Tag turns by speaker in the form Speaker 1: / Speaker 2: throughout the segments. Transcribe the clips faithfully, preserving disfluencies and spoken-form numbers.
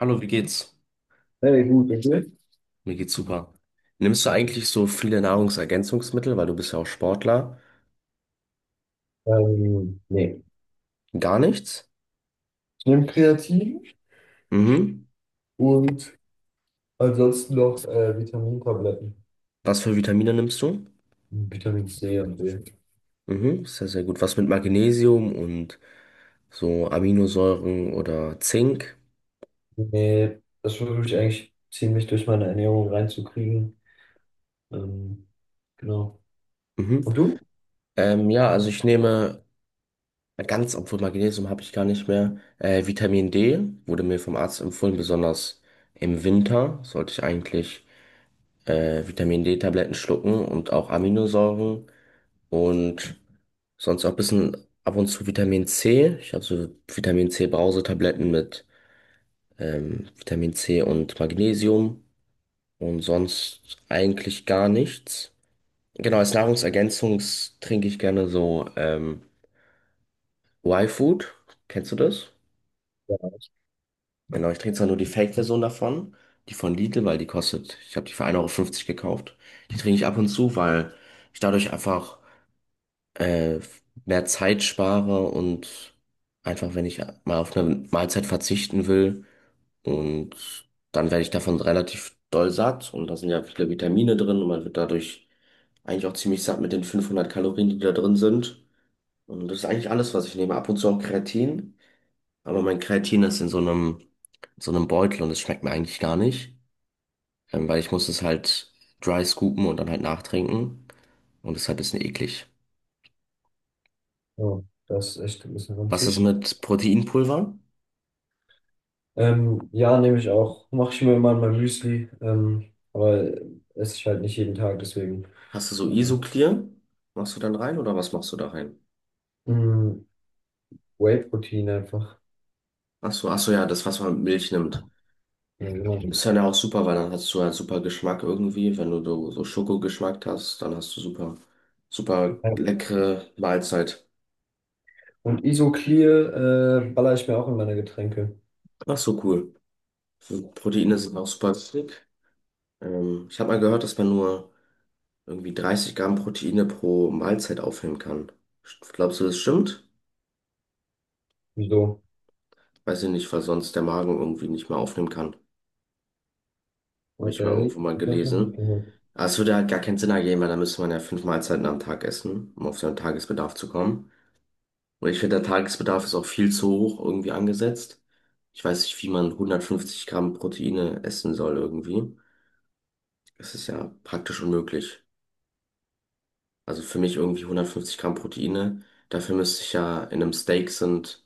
Speaker 1: Hallo, wie geht's?
Speaker 2: Hey, gut, okay.
Speaker 1: Mir geht's super. Nimmst du eigentlich so viele Nahrungsergänzungsmittel, weil du bist ja auch Sportler?
Speaker 2: Ähm, nee.
Speaker 1: Gar nichts?
Speaker 2: Ich nehme Kreatin
Speaker 1: Mhm.
Speaker 2: und ansonsten noch äh, Vitamintabletten.
Speaker 1: Was für Vitamine nimmst du?
Speaker 2: Vitamin ce und de.
Speaker 1: Mhm, sehr, sehr gut. Was mit Magnesium und so Aminosäuren oder Zink?
Speaker 2: Nee, das versuche ich eigentlich ziemlich durch meine Ernährung reinzukriegen. Ähm, genau.
Speaker 1: Mhm.
Speaker 2: Und du?
Speaker 1: Ähm, ja, also ich nehme ganz, obwohl Magnesium habe ich gar nicht mehr. Äh, Vitamin D wurde mir vom Arzt empfohlen, besonders im Winter sollte ich eigentlich äh, Vitamin D-Tabletten schlucken und auch Aminosäuren. Und sonst auch ein bisschen ab und zu Vitamin C. Ich habe so Vitamin C-Brausetabletten mit ähm, Vitamin C und Magnesium und sonst eigentlich gar nichts. Genau, als Nahrungsergänzung trinke ich gerne so ähm, Y-Food. Kennst du das? Genau, ich trinke zwar nur die Fake-Version davon, die von Lidl, weil die kostet, ich habe die für 1,50 Euro fünfzig gekauft. Die trinke ich ab und zu, weil ich dadurch einfach äh, mehr Zeit spare und einfach, wenn ich mal auf eine Mahlzeit verzichten will und dann werde ich davon relativ doll satt und da sind ja viele Vitamine drin und man wird dadurch eigentlich auch ziemlich satt mit den fünfhundert Kalorien, die da drin sind. Und das ist eigentlich alles, was ich nehme. Ab und zu auch Kreatin, aber mein Kreatin ist in so einem, so einem Beutel und es schmeckt mir eigentlich gar nicht, ähm, weil ich muss es halt dry scoopen und dann halt nachtrinken und deshalb ist es eklig.
Speaker 2: Oh, das ist echt ein bisschen
Speaker 1: Was ist
Speaker 2: ranzig.
Speaker 1: mit Proteinpulver?
Speaker 2: Ähm, ja, nehme ich auch. Mache ich mir immer in mein Müsli. Ähm, aber esse ich halt nicht jeden Tag, deswegen.
Speaker 1: Hast du so Isoclear? Machst du dann rein oder was machst du da rein?
Speaker 2: Mhm. Whey-Protein einfach.
Speaker 1: Ach so, ach so, ja, das, was man mit Milch nimmt.
Speaker 2: Ja, genau.
Speaker 1: Ist dann ja auch super, weil dann hast du halt super Geschmack irgendwie. Wenn du so so Schokogeschmack hast, dann hast du super, super leckere Mahlzeit.
Speaker 2: Und Isoclear äh, baller ich mir auch in meine Getränke.
Speaker 1: Ach so, cool. So Proteine sind auch super wichtig. Ähm, ich habe mal gehört, dass man nur irgendwie dreißig Gramm Proteine pro Mahlzeit aufnehmen kann. Glaubst du, das stimmt?
Speaker 2: Wieso?
Speaker 1: Weiß ich nicht, weil sonst der Magen irgendwie nicht mehr aufnehmen kann. Habe
Speaker 2: What
Speaker 1: ich
Speaker 2: the
Speaker 1: mal
Speaker 2: hell?
Speaker 1: irgendwo mal
Speaker 2: Hab ich noch nicht
Speaker 1: gelesen.
Speaker 2: gehört.
Speaker 1: Aber es würde halt gar keinen Sinn ergeben, weil da müsste man ja fünf Mahlzeiten am Tag essen, um auf seinen Tagesbedarf zu kommen. Und ich finde, der Tagesbedarf ist auch viel zu hoch irgendwie angesetzt. Ich weiß nicht, wie man hundertfünfzig Gramm Proteine essen soll irgendwie. Das ist ja praktisch unmöglich. Also für mich irgendwie hundertfünfzig Gramm Proteine. Dafür müsste ich ja in einem Steak sind,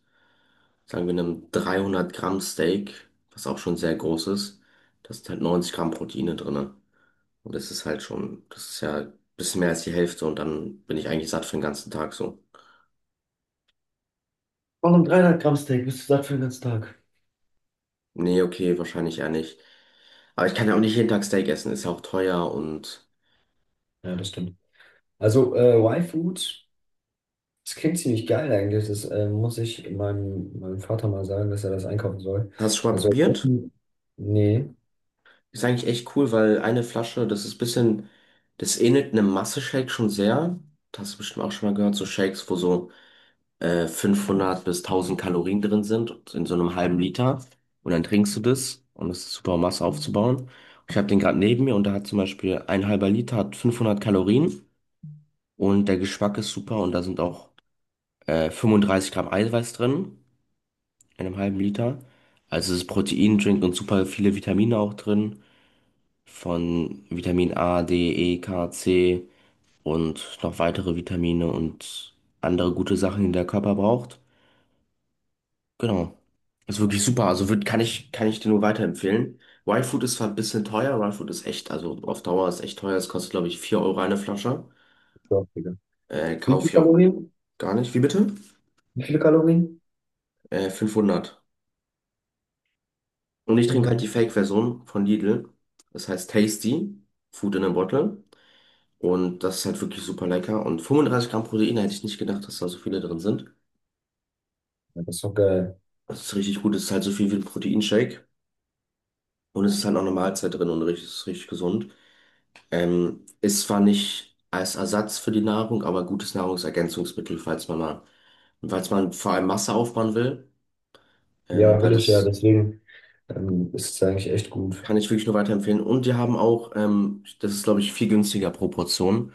Speaker 1: sagen wir in einem dreihundert Gramm Steak, was auch schon sehr groß ist, da sind halt neunzig Gramm Proteine drinne. Und das ist halt schon, das ist ja ein bisschen mehr als die Hälfte und dann bin ich eigentlich satt für den ganzen Tag so.
Speaker 2: Auch ein dreihundert Gramm Steak bist du satt für den ganzen Tag.
Speaker 1: Nee, okay, wahrscheinlich eher nicht. Aber ich kann ja auch nicht jeden Tag Steak essen, ist ja auch teuer und.
Speaker 2: Ja, das stimmt. Also äh, Y-Food, das klingt ziemlich geil eigentlich. Das äh, muss ich meinem, meinem Vater mal sagen, dass er das einkaufen soll.
Speaker 1: Hast du schon mal
Speaker 2: Also
Speaker 1: probiert?
Speaker 2: offen. Nee,
Speaker 1: Ist eigentlich echt cool, weil eine Flasche, das ist ein bisschen, das ähnelt einem Masse-Shake schon sehr. Das hast du bestimmt auch schon mal gehört, so Shakes, wo so äh, fünfhundert bis tausend Kalorien drin sind, in so einem halben Liter. Und dann trinkst du das und das ist super, um Masse aufzubauen. Ich habe den gerade neben mir und da hat zum Beispiel ein halber Liter hat fünfhundert Kalorien. Und der Geschmack ist super und da sind auch äh, fünfunddreißig Gramm Eiweiß drin in einem halben Liter. Also es ist Proteindrink und super viele Vitamine auch drin. Von Vitamin A, D, E, K, C und noch weitere Vitamine und andere gute Sachen, die der Körper braucht. Genau. Ist wirklich super. Also wird, kann ich, kann ich dir nur weiterempfehlen. Wild Food ist zwar ein bisschen teuer, Wild Food ist echt, also auf Dauer ist echt teuer. Es kostet, glaube ich, vier Euro eine Flasche.
Speaker 2: doch, Digga.
Speaker 1: Äh,
Speaker 2: Wie viele
Speaker 1: kaufe ich auch
Speaker 2: Kalorien?
Speaker 1: gar nicht. Wie bitte?
Speaker 2: Wie viele Kalorien?
Speaker 1: Äh, fünfhundert. Und ich trinke halt
Speaker 2: Ja.
Speaker 1: die Fake-Version von Lidl. Das heißt Tasty, Food in a Bottle. Und das ist halt wirklich super lecker. Und fünfunddreißig Gramm Protein hätte ich nicht gedacht, dass da so viele drin sind.
Speaker 2: Ja, das ist doch geil.
Speaker 1: Das ist richtig gut. Es ist halt so viel wie ein Proteinshake. Und es ist halt auch eine Mahlzeit drin und richtig, ist richtig gesund. Ähm, ist zwar nicht als Ersatz für die Nahrung, aber gutes Nahrungsergänzungsmittel, falls man mal, falls man vor allem Masse aufbauen will. Ähm,
Speaker 2: Ja,
Speaker 1: weil
Speaker 2: will ich ja,
Speaker 1: das
Speaker 2: deswegen ähm, ist es eigentlich echt gut.
Speaker 1: kann ich wirklich nur weiterempfehlen. Und die haben auch, ähm, das ist, glaube ich, viel günstiger pro Portion.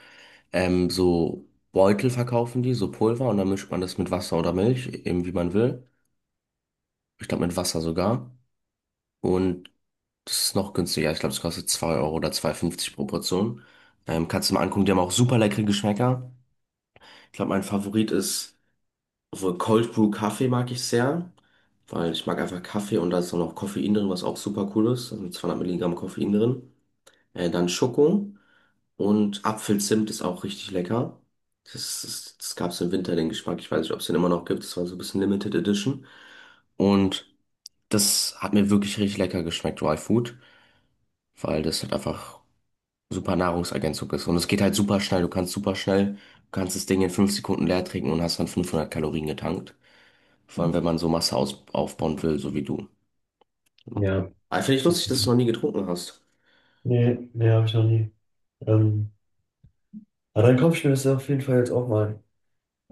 Speaker 1: Ähm, so Beutel verkaufen die, so Pulver, und dann mischt man das mit Wasser oder Milch, eben wie man will. Ich glaube, mit Wasser sogar. Und das ist noch günstiger. Ich glaube, es kostet zwei Euro oder zwei Euro fünfzig pro Portion. Ähm, kannst du mal angucken, die haben auch super leckere Geschmäcker. Ich glaube, mein Favorit ist, obwohl Cold Brew Kaffee mag ich sehr, weil ich mag einfach Kaffee und da ist dann noch Koffein drin, was auch super cool ist. Da sind zweihundert Milligramm Koffein drin. Äh, dann Schoko. Und Apfelzimt ist auch richtig lecker. Das, ist- das gab es im Winter, den Geschmack. Ich weiß nicht, ob es den immer noch gibt. Das war so ein bisschen Limited Edition. Und das hat mir wirklich richtig lecker geschmeckt, Dry Food, weil das halt einfach super Nahrungsergänzung ist. Und es geht halt super schnell. Du kannst super schnell, du kannst das Ding in fünf Sekunden leer trinken und hast dann fünfhundert Kalorien getankt. Vor allem, wenn man so Masse aus, aufbauen will, so wie du. Ja.
Speaker 2: Ja.
Speaker 1: Aber finde ich lustig, dass du noch nie getrunken hast.
Speaker 2: Nee, nee, habe ich noch nie. Ähm, Aber dann kaufe ich mir das auf jeden Fall jetzt auch mal.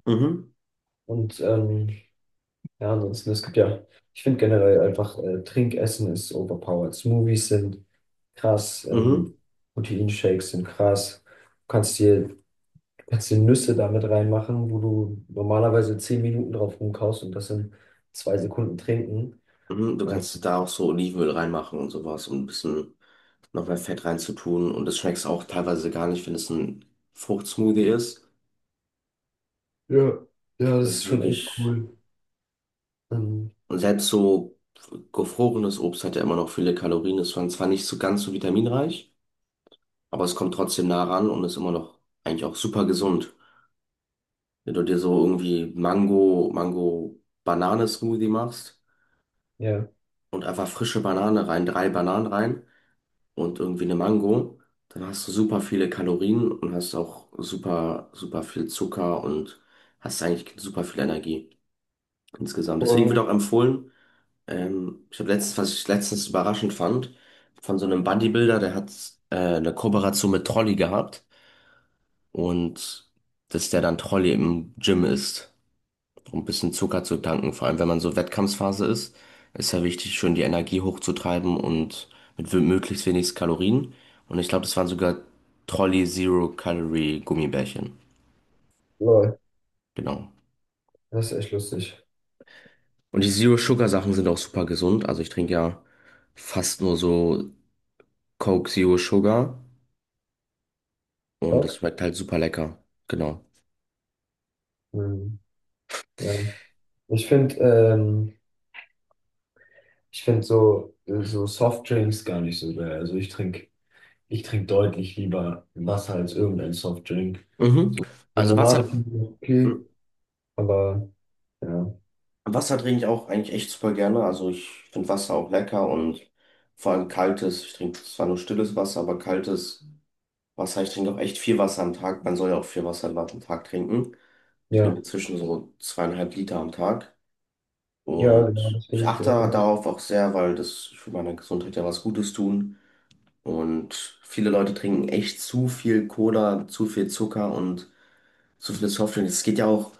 Speaker 1: Mhm,
Speaker 2: Und ähm, ja, ansonsten, es gibt ja, ich finde generell einfach, äh, Trinkessen ist overpowered. Smoothies sind krass, ähm,
Speaker 1: mhm.
Speaker 2: Proteinshakes sind krass. Du kannst dir, du kannst dir Nüsse damit reinmachen, wo du normalerweise zehn Minuten drauf rumkaust und das in zwei Sekunden trinken.
Speaker 1: Mhm, du
Speaker 2: Ja,
Speaker 1: kannst da auch so Olivenöl reinmachen und sowas, um ein bisschen noch mehr Fett reinzutun. Und das schmeckst auch teilweise gar nicht, wenn es ein Fruchtsmoothie ist.
Speaker 2: ja, ja, das
Speaker 1: Das
Speaker 2: ist
Speaker 1: ist
Speaker 2: schon echt
Speaker 1: wirklich.
Speaker 2: cool. Ähm,
Speaker 1: Und selbst so gefrorenes Obst hat ja immer noch viele Kalorien. Ist zwar zwar nicht so ganz so vitaminreich, aber es kommt trotzdem nah ran und ist immer noch eigentlich auch super gesund. Wenn du dir so irgendwie Mango, Mango-Banane-Smoothie machst
Speaker 2: ja,
Speaker 1: und einfach frische Banane rein, drei Bananen rein. Und irgendwie eine Mango, dann hast du super viele Kalorien und hast auch super, super viel Zucker und hast eigentlich super viel Energie insgesamt. Deswegen wird
Speaker 2: aber,
Speaker 1: auch empfohlen, ähm, ich habe letztens, was ich letztens überraschend fand, von so einem Bodybuilder, der hat äh, eine Kooperation mit Trolli gehabt und dass der dann Trolli im Gym isst um ein bisschen Zucker zu tanken. Vor allem, wenn man so Wettkampfphase ist, ist ja wichtig, schön die Energie hochzutreiben und mit wi- möglichst wenig Kalorien. Und ich glaube, das waren sogar Trolli Zero Calorie Gummibärchen.
Speaker 2: lol,
Speaker 1: Genau.
Speaker 2: das ist echt lustig.
Speaker 1: Und die Zero Sugar Sachen sind auch super gesund. Also ich trinke ja fast nur so Coke Zero Sugar und das
Speaker 2: Bock?
Speaker 1: schmeckt halt super lecker. Genau.
Speaker 2: Ähm, ja. Ich finde, ähm, Ich finde so, so Softdrinks gar nicht so geil. Also ich trinke ich trink deutlich lieber Wasser als irgendein Softdrink.
Speaker 1: Mhm.
Speaker 2: So
Speaker 1: Also was
Speaker 2: Limonade
Speaker 1: hat.
Speaker 2: finde ich okay, aber ja.
Speaker 1: Wasser trinke ich auch eigentlich echt super gerne. Also ich finde Wasser auch lecker und vor allem kaltes. Ich trinke zwar nur stilles Wasser, aber kaltes Wasser. Ich trinke auch echt viel Wasser am Tag. Man soll ja auch viel Wasser am Tag trinken. Ich
Speaker 2: Ja,
Speaker 1: trinke zwischen so zweieinhalb Liter am Tag.
Speaker 2: ja, genau,
Speaker 1: Und
Speaker 2: das
Speaker 1: ich
Speaker 2: versuche ich
Speaker 1: achte
Speaker 2: auch immer.
Speaker 1: darauf auch sehr, weil das für meine Gesundheit ja was Gutes tun. Und viele Leute trinken echt zu viel Cola, zu viel Zucker und so viele Softdrinks. Es geht ja auch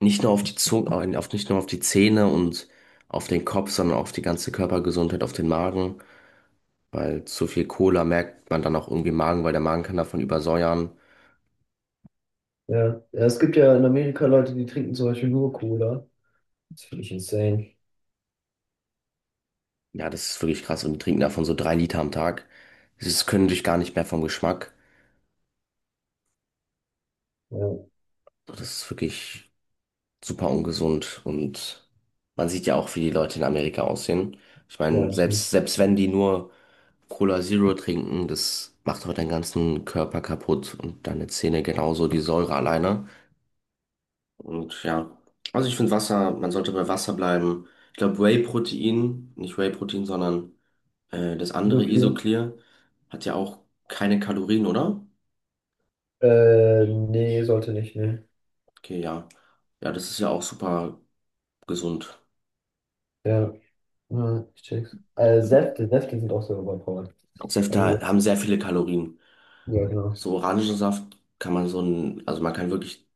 Speaker 1: nicht nur auf die Zunge, auf, nicht nur auf die Zähne und auf den Kopf, sondern auch auf die ganze Körpergesundheit, auf den Magen. Weil zu viel Cola merkt man dann auch irgendwie im Magen, weil der Magen kann davon übersäuern.
Speaker 2: Ja. Ja, es gibt ja in Amerika Leute, die trinken zum Beispiel nur Cola. Das finde ich insane.
Speaker 1: Ja, das ist wirklich krass. Und die trinken davon so drei Liter am Tag. Das können sich gar nicht mehr vom Geschmack.
Speaker 2: Ja,
Speaker 1: Das ist wirklich super ungesund. Und man sieht ja auch, wie die Leute in Amerika aussehen. Ich
Speaker 2: ja,
Speaker 1: meine,
Speaker 2: das ist.
Speaker 1: selbst, selbst wenn die nur Cola Zero trinken, das macht auch deinen ganzen Körper kaputt und deine Zähne genauso, die Säure alleine. Und ja, also ich finde Wasser, man sollte bei Wasser bleiben. Ich glaube Whey-Protein, nicht Whey-Protein, sondern äh, das andere
Speaker 2: Wirklich?
Speaker 1: Isoclear, hat ja auch keine Kalorien, oder?
Speaker 2: Äh, nee, sollte nicht, ne.
Speaker 1: Okay, ja. Ja, das ist ja auch super gesund.
Speaker 2: Ja, ja, ich check's. Äh,
Speaker 1: Und
Speaker 2: Säfte, Säfte sind auch so überpowered.
Speaker 1: Säfte
Speaker 2: Also,
Speaker 1: haben sehr viele Kalorien.
Speaker 2: ja, genau.
Speaker 1: So Orangensaft kann man so ein, also man kann wirklich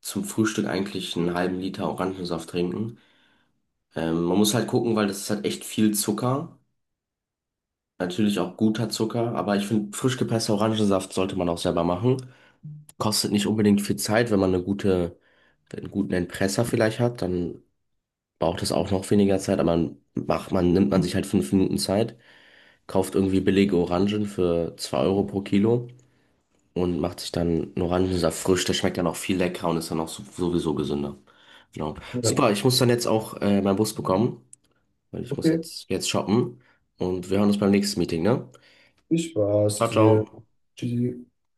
Speaker 1: zum Frühstück eigentlich einen halben Liter Orangensaft trinken. Ähm, man muss halt gucken, weil das ist halt echt viel Zucker. Natürlich auch guter Zucker, aber ich finde, frisch gepresster Orangensaft sollte man auch selber machen. Kostet nicht unbedingt viel Zeit, wenn man eine gute, einen guten Entpresser vielleicht hat, dann braucht es auch noch weniger Zeit, aber man macht, man nimmt man sich halt fünf Minuten Zeit, kauft irgendwie billige Orangen für zwei Euro pro Kilo und macht sich dann einen Orangensaft frisch. Der schmeckt dann auch viel leckerer und ist dann auch so- sowieso gesünder. Genau.
Speaker 2: Ja.
Speaker 1: Super, ich muss dann jetzt auch äh, meinen Bus bekommen. Weil ich muss
Speaker 2: Okay.
Speaker 1: jetzt, jetzt shoppen. Und wir hören uns beim nächsten Meeting, ne?
Speaker 2: Ich war's
Speaker 1: Ciao, ciao.
Speaker 2: dir. Tschüssi.